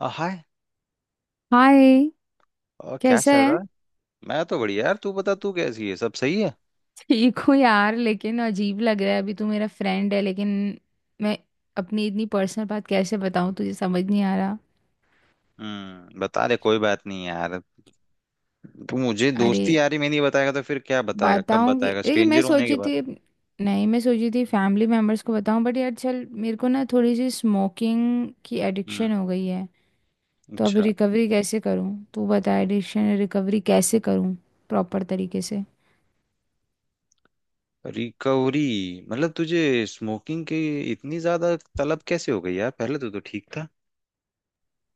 हाय। Hi. और क्या कैसा चल है? रहा है? मैं तो बढ़िया यार। तू बता, तू कैसी है? सब सही है? ठीक हूँ यार, लेकिन अजीब लग रहा है। अभी तू मेरा फ्रेंड है, लेकिन मैं अपनी इतनी पर्सनल बात कैसे बताऊँ तुझे, समझ नहीं आ रहा। बता दे, कोई बात नहीं यार। तू मुझे अरे, दोस्ती यारी में नहीं बताएगा तो फिर क्या बताएगा? कब बताऊंगी, बताएगा, लेकिन मैं स्ट्रेंजर होने के सोची बाद? थी, नहीं मैं सोची थी फैमिली मेम्बर्स को बताऊं, बट यार चल, मेरे को ना थोड़ी सी स्मोकिंग की हम्म। एडिक्शन हो गई है। तो अभी अच्छा। रिकवरी कैसे करूं, तू बता, एडिक्शन रिकवरी कैसे करूं प्रॉपर तरीके से। रिकवरी? मतलब तुझे स्मोकिंग की इतनी ज्यादा तलब कैसे हो गई यार? पहले तो ठीक था।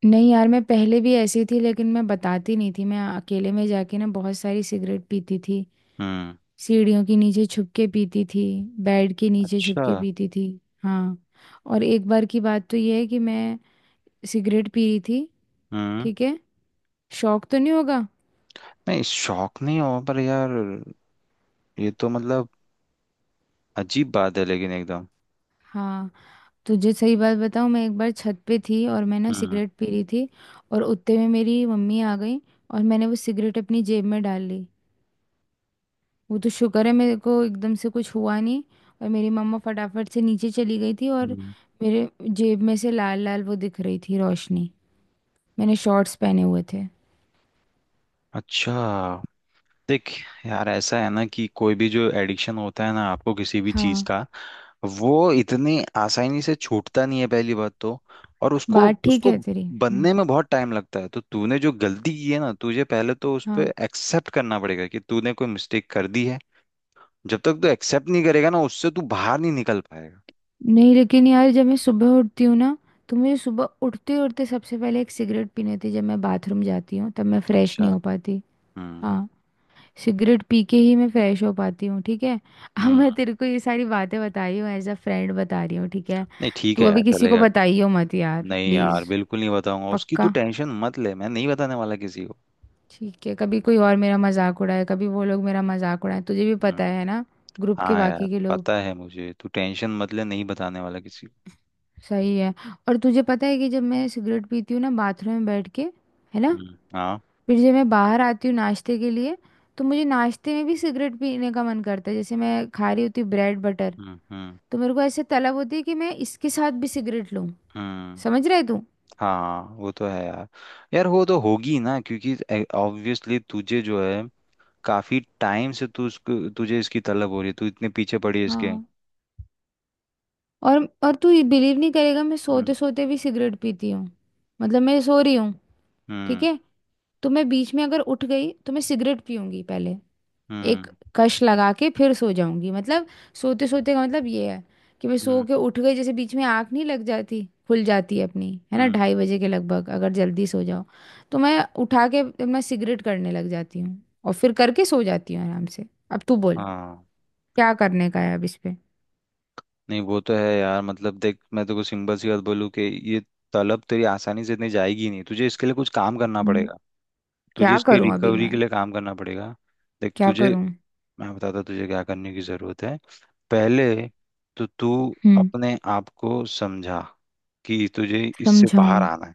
नहीं यार, मैं पहले भी ऐसी थी, लेकिन मैं बताती नहीं थी। मैं अकेले में जाके ना बहुत सारी सिगरेट पीती थी। हम्म। सीढ़ियों के नीचे छुप के पीती थी, बेड के नीचे छुप अच्छा। के पीती थी। हाँ, और एक बार की बात तो ये है कि मैं सिगरेट पी रही थी, हम्म। ठीक है। शौक तो नहीं होगा। नहीं, शौक नहीं हो पर यार, ये तो मतलब, अजीब बात है लेकिन एकदम। हाँ, तुझे सही बात बताऊँ, मैं एक बार छत पे थी और मैं ना हम्म। सिगरेट पी रही थी, और उतने में मेरी मम्मी आ गई, और मैंने वो सिगरेट अपनी जेब में डाल ली। वो तो शुक्र है मेरे को एकदम से कुछ हुआ नहीं। और मेरी मम्मा फटाफट से नीचे चली गई थी, और हम्म। मेरे जेब में से लाल लाल वो दिख रही थी रोशनी। मैंने शॉर्ट्स पहने हुए थे। अच्छा, देख यार, ऐसा है ना कि कोई भी जो एडिक्शन होता है ना आपको किसी भी चीज हाँ, का, वो इतनी आसानी से छूटता नहीं है, पहली बात तो। और उसको बात ठीक उसको है तेरी। हम्म, बनने में बहुत टाइम लगता है, तो तूने जो गलती की है ना, तुझे पहले तो उस पे हाँ। एक्सेप्ट करना पड़ेगा कि तूने कोई मिस्टेक कर दी है। जब तक तू एक्सेप्ट नहीं करेगा ना, उससे तू बाहर नहीं निकल पाएगा। नहीं लेकिन यार, जब मैं सुबह उठती हूँ ना, तो मुझे सुबह उठते उठते सबसे पहले एक सिगरेट पीनी थी। जब मैं बाथरूम जाती हूँ तब मैं फ्रेश अच्छा। नहीं हो पाती। हम्म। हाँ, सिगरेट पी के ही मैं फ्रेश हो पाती हूँ, ठीक है। अब मैं हम्म। तेरे को ये सारी बातें बता रही हूँ एज अ फ्रेंड बता रही हूँ, ठीक है। नहीं, ठीक तू है यार, अभी किसी को चलेगा। बताइयो मत यार नहीं प्लीज़। यार, बिल्कुल नहीं बताऊंगा, उसकी तू पक्का? टेंशन मत ले, मैं नहीं बताने वाला किसी को। ठीक है। कभी कोई और मेरा मजाक उड़ाए, कभी वो लोग मेरा मजाक उड़ाए, तुझे भी पता हम्म। है ना, ग्रुप के हाँ यार, बाकी के लोग। पता है मुझे, तू टेंशन मत ले, नहीं बताने वाला किसी को। सही है। और तुझे पता है कि जब मैं सिगरेट पीती हूँ ना बाथरूम में बैठ के, है ना, हम्म। हाँ। फिर जब मैं बाहर आती हूँ नाश्ते के लिए, तो मुझे नाश्ते में भी सिगरेट पीने का मन करता है। जैसे मैं खा रही होती ब्रेड बटर, हम्म। हम्म। तो मेरे को ऐसे तलब होती है कि मैं इसके साथ भी सिगरेट लूं। हम्म। समझ रहे तू? हाँ, वो तो है यार। यार वो तो होगी ना, क्योंकि ऑब्वियसली तुझे जो है, काफी टाइम से तू उसको, तुझे इसकी तलब हो रही है, तू इतने पीछे पड़ी है इसके। हाँ। और तू बिलीव नहीं करेगा, मैं हम्म। सोते सोते भी सिगरेट पीती हूँ। मतलब मैं सो रही हूँ, ठीक हम्म। है, तो मैं बीच में अगर उठ गई तो मैं सिगरेट पीऊंगी पहले, एक हम्म। कश लगा के फिर सो जाऊंगी। मतलब सोते सोते का मतलब ये है कि मैं सो हम्म। के उठ गई, जैसे बीच में आँख नहीं लग जाती, खुल जाती है अपनी, है ना, हम्म। 2:30 बजे के लगभग अगर जल्दी सो जाओ, तो मैं उठा के मैं सिगरेट करने लग जाती हूँ और फिर करके सो जाती हूँ आराम से। अब तू बोल, हाँ। क्या करने का है अब इस पे। नहीं, वो तो है यार। मतलब देख, मैं तेको सिंपल सी बात बोलूँ कि ये तलब तेरी आसानी से इतनी जाएगी नहीं, तुझे इसके लिए कुछ काम करना हम्म, पड़ेगा। तुझे क्या इसके करूं अभी रिकवरी मैं, के लिए काम करना पड़ेगा। देख क्या तुझे, करूं? मैं बताता तुझे क्या करने की ज़रूरत है। पहले तो तू हम्म, अपने आप को समझा कि तुझे इससे बाहर समझाऊं? आना है।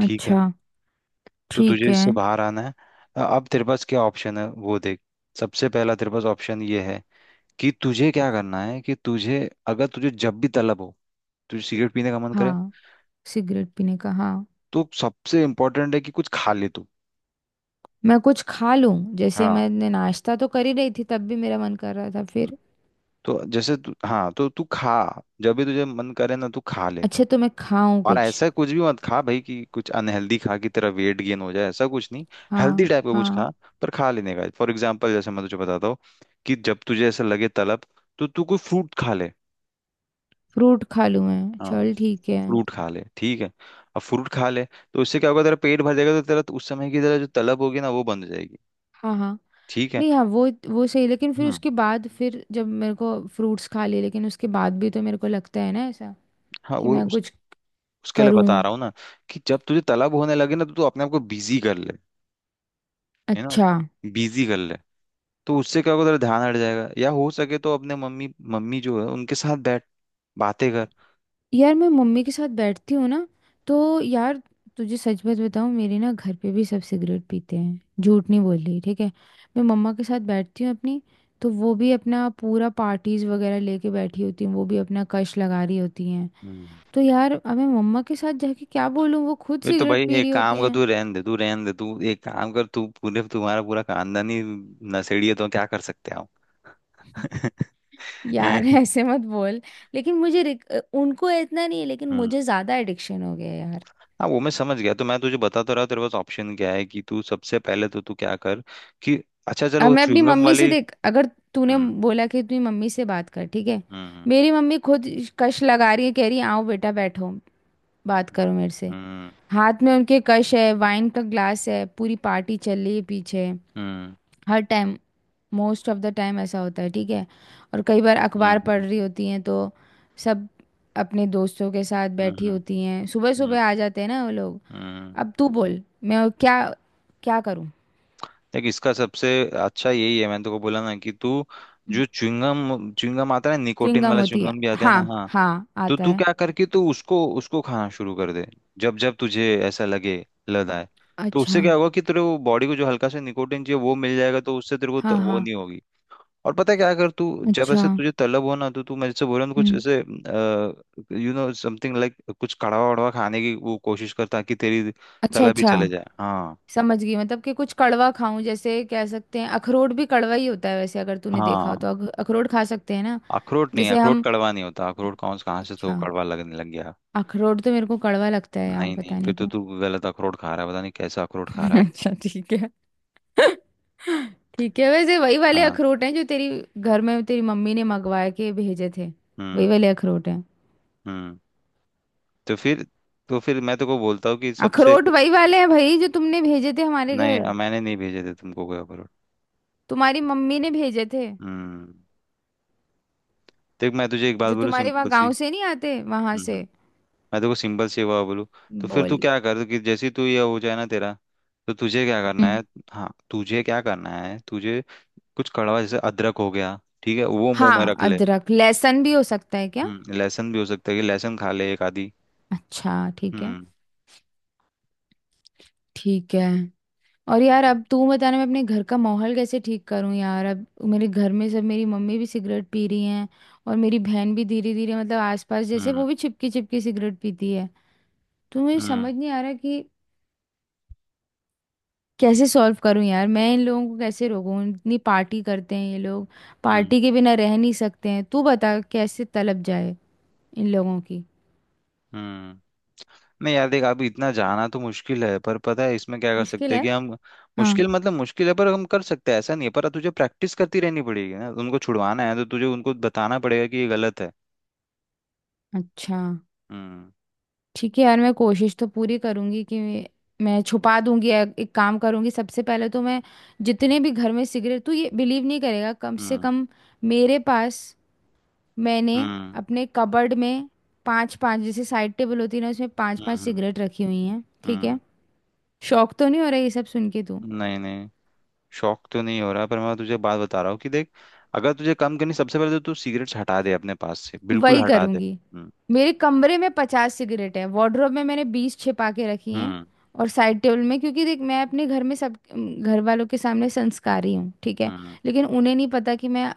ठीक है, तो तुझे ठीक है। इससे बाहर आना है। अब तेरे पास क्या ऑप्शन है वो देख। सबसे पहला तेरे पास ऑप्शन ये है कि तुझे क्या करना है, कि तुझे, अगर तुझे जब भी तलब हो, तुझे सिगरेट पीने का मन करे, हाँ, सिगरेट पीने का, हाँ। तो सबसे इम्पोर्टेंट है कि कुछ खा ले तू। मैं कुछ खा लूं? जैसे हाँ, मैंने नाश्ता तो कर ही रही थी, तब भी मेरा मन कर रहा था फिर। तो जैसे तू, हाँ तो तू खा, जब भी तुझे मन करे ना तू खा ले। अच्छा, तो मैं खाऊं और कुछ? ऐसा कुछ भी मत खा भाई कि कुछ अनहेल्दी खा कि तेरा वेट गेन हो जाए, ऐसा कुछ नहीं। हेल्दी हाँ टाइप का कुछ हाँ, खा। पर खा लेने का, फॉर एग्जाम्पल जैसे मैं तुझे बताता हूँ, कि जब तुझे ऐसा लगे तलब, तो तू कोई फ्रूट खा ले। फ्रूट खा लूं, मैं हाँ, चल ठीक है। फ्रूट खा ले, ठीक है। अब फ्रूट खा ले, तो उससे क्या होगा, तेरा पेट भर जाएगा, तो तेरा, तो उस समय की तेरा जो तलब होगी ना वो बंद हो जाएगी। हाँ हाँ। ठीक है। नहीं हाँ, वो सही, लेकिन फिर हम्म। उसके बाद, फिर जब मेरे को फ्रूट्स खा लिए, लेकिन उसके बाद भी तो मेरे को लगता है ना ऐसा हाँ कि वो मैं कुछ उसके लिए करूं। बता रहा हूँ ना, कि जब तुझे तलब होने लगे ना, तो तू अपने आप को बिजी कर ले, है ना, अच्छा। बिजी कर ले। तो उससे क्या होगा, तेरा ध्यान हट जाएगा, या हो सके तो अपने मम्मी मम्मी जो है उनके साथ बैठ, बातें कर। यार मैं मम्मी के साथ बैठती हूँ ना, तो, यार तुझे सच बात बताऊँ, मेरे ना घर पे भी सब सिगरेट पीते हैं, झूठ नहीं बोल रही, ठीक है। मैं मम्मा के साथ बैठती हूँ अपनी, तो वो भी अपना पूरा पार्टीज वगैरह लेके बैठी होती हैं, वो भी अपना कश लगा रही होती हैं। हम्म। तो यार अब मैं मम्मा के साथ जाके क्या बोलूँ, वो खुद ये तो सिगरेट भाई पी एक रही होती काम कर, हैं। तू रहन दे, तू रहन दे। तू एक काम कर, तू पूरे, तुम्हारा पूरा खानदान ही नशेड़ी है, तो क्या कर सकते हैं हम। यार हैं? ऐसे मत बोल। लेकिन मुझे उनको इतना नहीं है, लेकिन हम्म। मुझे ज़्यादा एडिक्शन हो गया है यार। हाँ वो मैं समझ गया, तो मैं तुझे बता तो रहा हूँ, तेरे पास ऑप्शन क्या है, कि तू सबसे पहले तो तू क्या कर कि, अच्छा चलो अब वो मैं अपनी च्युइंगम मम्मी से, वाली। देख अगर तूने हम्म। बोला कि अपनी मम्मी से बात कर, ठीक है, हम्म। मेरी मम्मी खुद कश लगा रही है, कह रही है आओ बेटा बैठो, बात करो हम्म। मेरे से। हम्म। हाथ में उनके कश है, वाइन का ग्लास है, पूरी पार्टी चल रही है पीछे। हम्म। हर time, most of the time ऐसा होता है, ठीक है। और कई बार अखबार पढ़ हम्म। रही होती हैं, तो सब अपने दोस्तों के साथ हम्म। बैठी हम्म। होती हैं, सुबह हम्म। सुबह आ जाते हैं ना वो लोग। हम्म। अब तू बोल, मैं क्या क्या करूं? देख, इसका सबसे अच्छा यही है, मैंने तो को बोला ना कि तू, जो च्युइंगम च्युइंगम आता है ना, निकोटिन च्युइंगम वाला होती है? च्युइंगम भी आता है ना, हाँ हाँ। हाँ तो आता तू है। क्या कर कि तू उसको उसको खाना शुरू कर दे, जब जब तुझे ऐसा लगे, लद आए। तो अच्छा। उससे क्या होगा कि तेरे को, बॉडी को जो हल्का सा निकोटिन चाहिए वो मिल जाएगा, तो उससे तेरे को हाँ वो हाँ। नहीं होगी। और पता है क्या कर तू, जब अच्छा। ऐसे तुझे तलब हो ना, तो तू, मेरे से बोल रहा हूँ कुछ हम्म। ऐसे, यू नो समथिंग लाइक, कुछ कड़वा वड़वा खाने की वो कोशिश कर, ताकि तेरी अच्छा, तलब भी अच्छा, चले जाए, हाँ। समझ गई मतलब कि कुछ कड़वा खाऊं। जैसे कह सकते हैं अखरोट भी कड़वा ही होता है वैसे, अगर तूने देखा हाँ, हो, तो अखरोट खा सकते हैं ना अखरोट नहीं है, जैसे अखरोट हम। कड़वा नहीं होता, अखरोट कौन, कहाँ से तो अच्छा। कड़वा लगने लग गया। अखरोट तो मेरे को कड़वा लगता है यार, नहीं नहीं, पता फिर नहीं तो क्यों। तू गलत अखरोट खा रहा है, पता नहीं कैसा अखरोट खा रहा है। अच्छा ठीक है। ठीक है, वैसे वही वाले हाँ। अखरोट हैं जो तेरी घर में, तेरी मम्मी ने मंगवा के भेजे थे। वही हम्म। वाले अखरोट हैं। हम्म। तो फिर तो फिर मैं तो को बोलता हूँ कि सबसे। अखरोट वही वाले हैं भाई जो तुमने भेजे थे हमारे नहीं घर। मैंने नहीं भेजे थे तुमको कोई अखरोट। तुम्हारी मम्मी ने भेजे थे, हम्म। देख मैं तुझे एक जो बात बोलूँ तुम्हारे वहाँ सिंपल गांव सी। से नहीं आते वहां हम्म। से। मैं तो को सिंपल सी एक बात बोलूँ, तो फिर तू बोल। क्या कर, कि जैसे ही तू ये हो जाए ना तेरा, तो तुझे क्या करना हम्म, है। हाँ, तुझे क्या करना है, तुझे कुछ कड़वा, जैसे अदरक हो गया, ठीक है, वो मुंह में हाँ, रख ले। अदरक लहसुन भी हो सकता है क्या? हम्म, लहसुन भी हो सकता है, कि लहसुन खा ले एक आधी। अच्छा ठीक है। हम्म। ठीक है। और यार अब तू बताना, मैं अपने घर का माहौल कैसे ठीक करूं यार अब। मेरे घर में सब, मेरी मम्मी भी सिगरेट पी रही हैं, और मेरी बहन भी धीरे धीरे मतलब आसपास, जैसे हम्म। वो भी चिपकी चिपकी सिगरेट पीती है। तो मुझे हम्म। समझ नहीं आ रहा कि कैसे सॉल्व करूं यार, मैं इन लोगों को कैसे रोकूं? इतनी पार्टी करते हैं ये लोग, हम्म। पार्टी के बिना रह नहीं सकते हैं। तू बता कैसे तलब जाए इन लोगों की। हम्म। नहीं यार देख, अभी इतना जाना तो मुश्किल है, पर पता है इसमें क्या कर मुश्किल सकते हैं है। कि हम। हाँ। मुश्किल मतलब मुश्किल है, पर हम कर सकते हैं ऐसा नहीं है, पर तुझे प्रैक्टिस करती रहनी पड़ेगी ना, उनको छुड़वाना है तो तुझे उनको बताना पड़ेगा कि ये गलत है। अच्छा, हम्म। ठीक है यार, मैं कोशिश तो पूरी करूंगी कि मैं छुपा दूंगी, या एक काम करूंगी, सबसे पहले तो मैं जितने भी घर में सिगरेट, तू ये बिलीव नहीं करेगा, कम से हम्म। कम मेरे पास, मैंने हम्म। अपने कबर्ड में 5-5, जैसे साइड टेबल होती है ना, उसमें 5-5 हम्म। सिगरेट रखी हुई हैं, ठीक हम्म। है। शौक तो नहीं हो रहा ये सब सुन के तू? नहीं नहीं, शौक तो नहीं हो रहा, पर मैं तुझे बात बता रहा हूँ कि देख, अगर तुझे कम करनी, सबसे पहले तो तू सिगरेट्स हटा दे, अपने पास से बिल्कुल वही हटा दे। करूंगी। हम्म। मेरे कमरे में 50 सिगरेट है, वार्डरोब में मैंने 20 छिपा के रखी हैं हम्म। और साइड टेबल में, क्योंकि देख मैं अपने घर में सब घर वालों के सामने संस्कारी हूँ, ठीक है, हम्म। लेकिन उन्हें नहीं पता कि मैं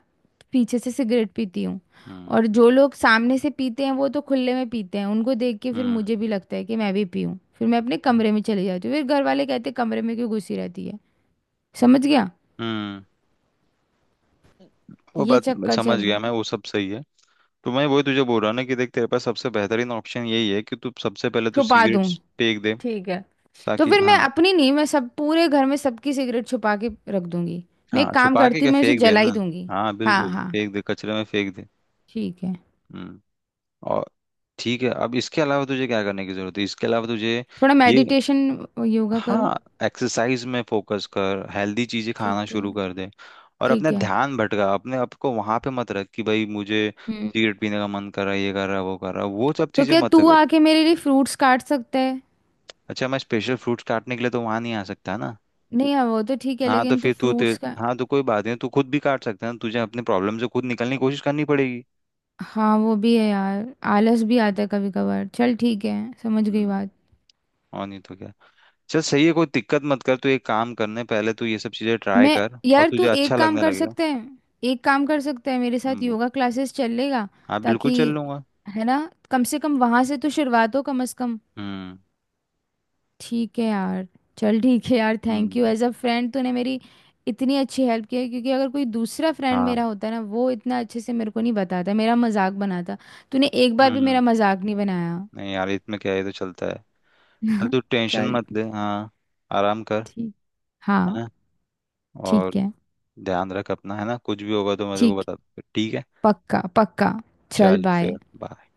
पीछे से सिगरेट पीती हूँ। हम्म। और जो लोग सामने से पीते हैं, वो तो खुले में पीते हैं, उनको देख के फिर हम्म। मुझे भी लगता है कि मैं भी पीऊँ, फिर मैं अपने कमरे में चली जाती हूँ, फिर घर वाले कहते कमरे में क्यों घुसी रहती है। समझ गया? हम्म। वो ये बात मैं चक्कर समझ चल गया, रहा मैं, है। वो सब सही है। तो मैं वही तुझे बोल रहा हूँ ना कि देख, तेरे पास सबसे बेहतरीन ऑप्शन यही है कि तू सबसे पहले तो छुपा दूँ? सिगरेट्स फेंक दे, ठीक है। तो ताकि, फिर मैं हाँ। अपनी नहीं, मैं सब पूरे घर में सबकी सिगरेट छुपा के रख दूंगी। मैं हाँ एक काम छुपा के करती क्या, हूँ, मैं उसे फेंक दे जला ही ना, दूंगी। हाँ हाँ बिल्कुल, हाँ, फेंक दे, कचरे में फेंक दे। ठीक है। हम्म। और ठीक है, अब इसके अलावा तुझे क्या करने की जरूरत है, इसके अलावा तुझे, थोड़ा ये, मेडिटेशन योगा करूँ? हाँ, एक्सरसाइज में फोकस कर, हेल्दी चीजें खाना ठीक है। शुरू कर दे। और अपना ठीक है। ध्यान भटका, अपने आप को वहां पे मत रख कि भाई मुझे हम्म। सिगरेट पीने का मन कर रहा है, ये कर रहा है, वो कर रहा है, वो सब तो चीजें क्या मत तू कर। आके मेरे लिए फ्रूट्स काट सकता है? अच्छा, मैं स्पेशल फ्रूट्स काटने के लिए तो वहां नहीं आ सकता ना। नहीं हाँ, वो तो ठीक है, हाँ, तो लेकिन तू फिर तू ते फ्रूट्स का। हाँ, तो कोई बात नहीं, तू खुद भी काट सकता है ना, तुझे अपने प्रॉब्लम से खुद निकलने की कोशिश करनी पड़ेगी। हाँ, वो भी है यार, आलस भी आता है कभी कभार। चल ठीक है, समझ गई हम्म। बात। और नहीं तो क्या। चल सही है, कोई दिक्कत मत कर, तू एक काम करने पहले तू ये सब चीजें ट्राई मैं, कर, और यार तू तुझे अच्छा एक काम लगने कर लगेगा। सकते हैं, एक काम कर सकते हैं, मेरे साथ हम्म। योगा क्लासेस चल लेगा, हाँ, बिल्कुल ताकि, चल लूंगा। है ना, कम से कम वहां से तो शुरुआत हो कम से कम। हम्म। ठीक है यार। चल ठीक है यार, थैंक यू हम्म। एज अ फ्रेंड, तूने मेरी इतनी अच्छी हेल्प की है, क्योंकि अगर कोई दूसरा फ्रेंड हाँ। मेरा होता ना, वो इतना अच्छे से मेरे को नहीं बताता, मेरा मजाक बनाता। तूने एक बार भी हम्म। मेरा मजाक नहीं बनाया। नहीं यार, इसमें क्या है, ये तो चलता है। चल, तू टेंशन चल। मत ले, हाँ, आराम कर, ठीक। है हाँ। ना। ठीक और है। ध्यान रख अपना, है ना, कुछ भी होगा तो मैं तेरे को ठीक। बता दूँ, ठीक है। पक्का पक्का। चल चल बाय। फिर। bye।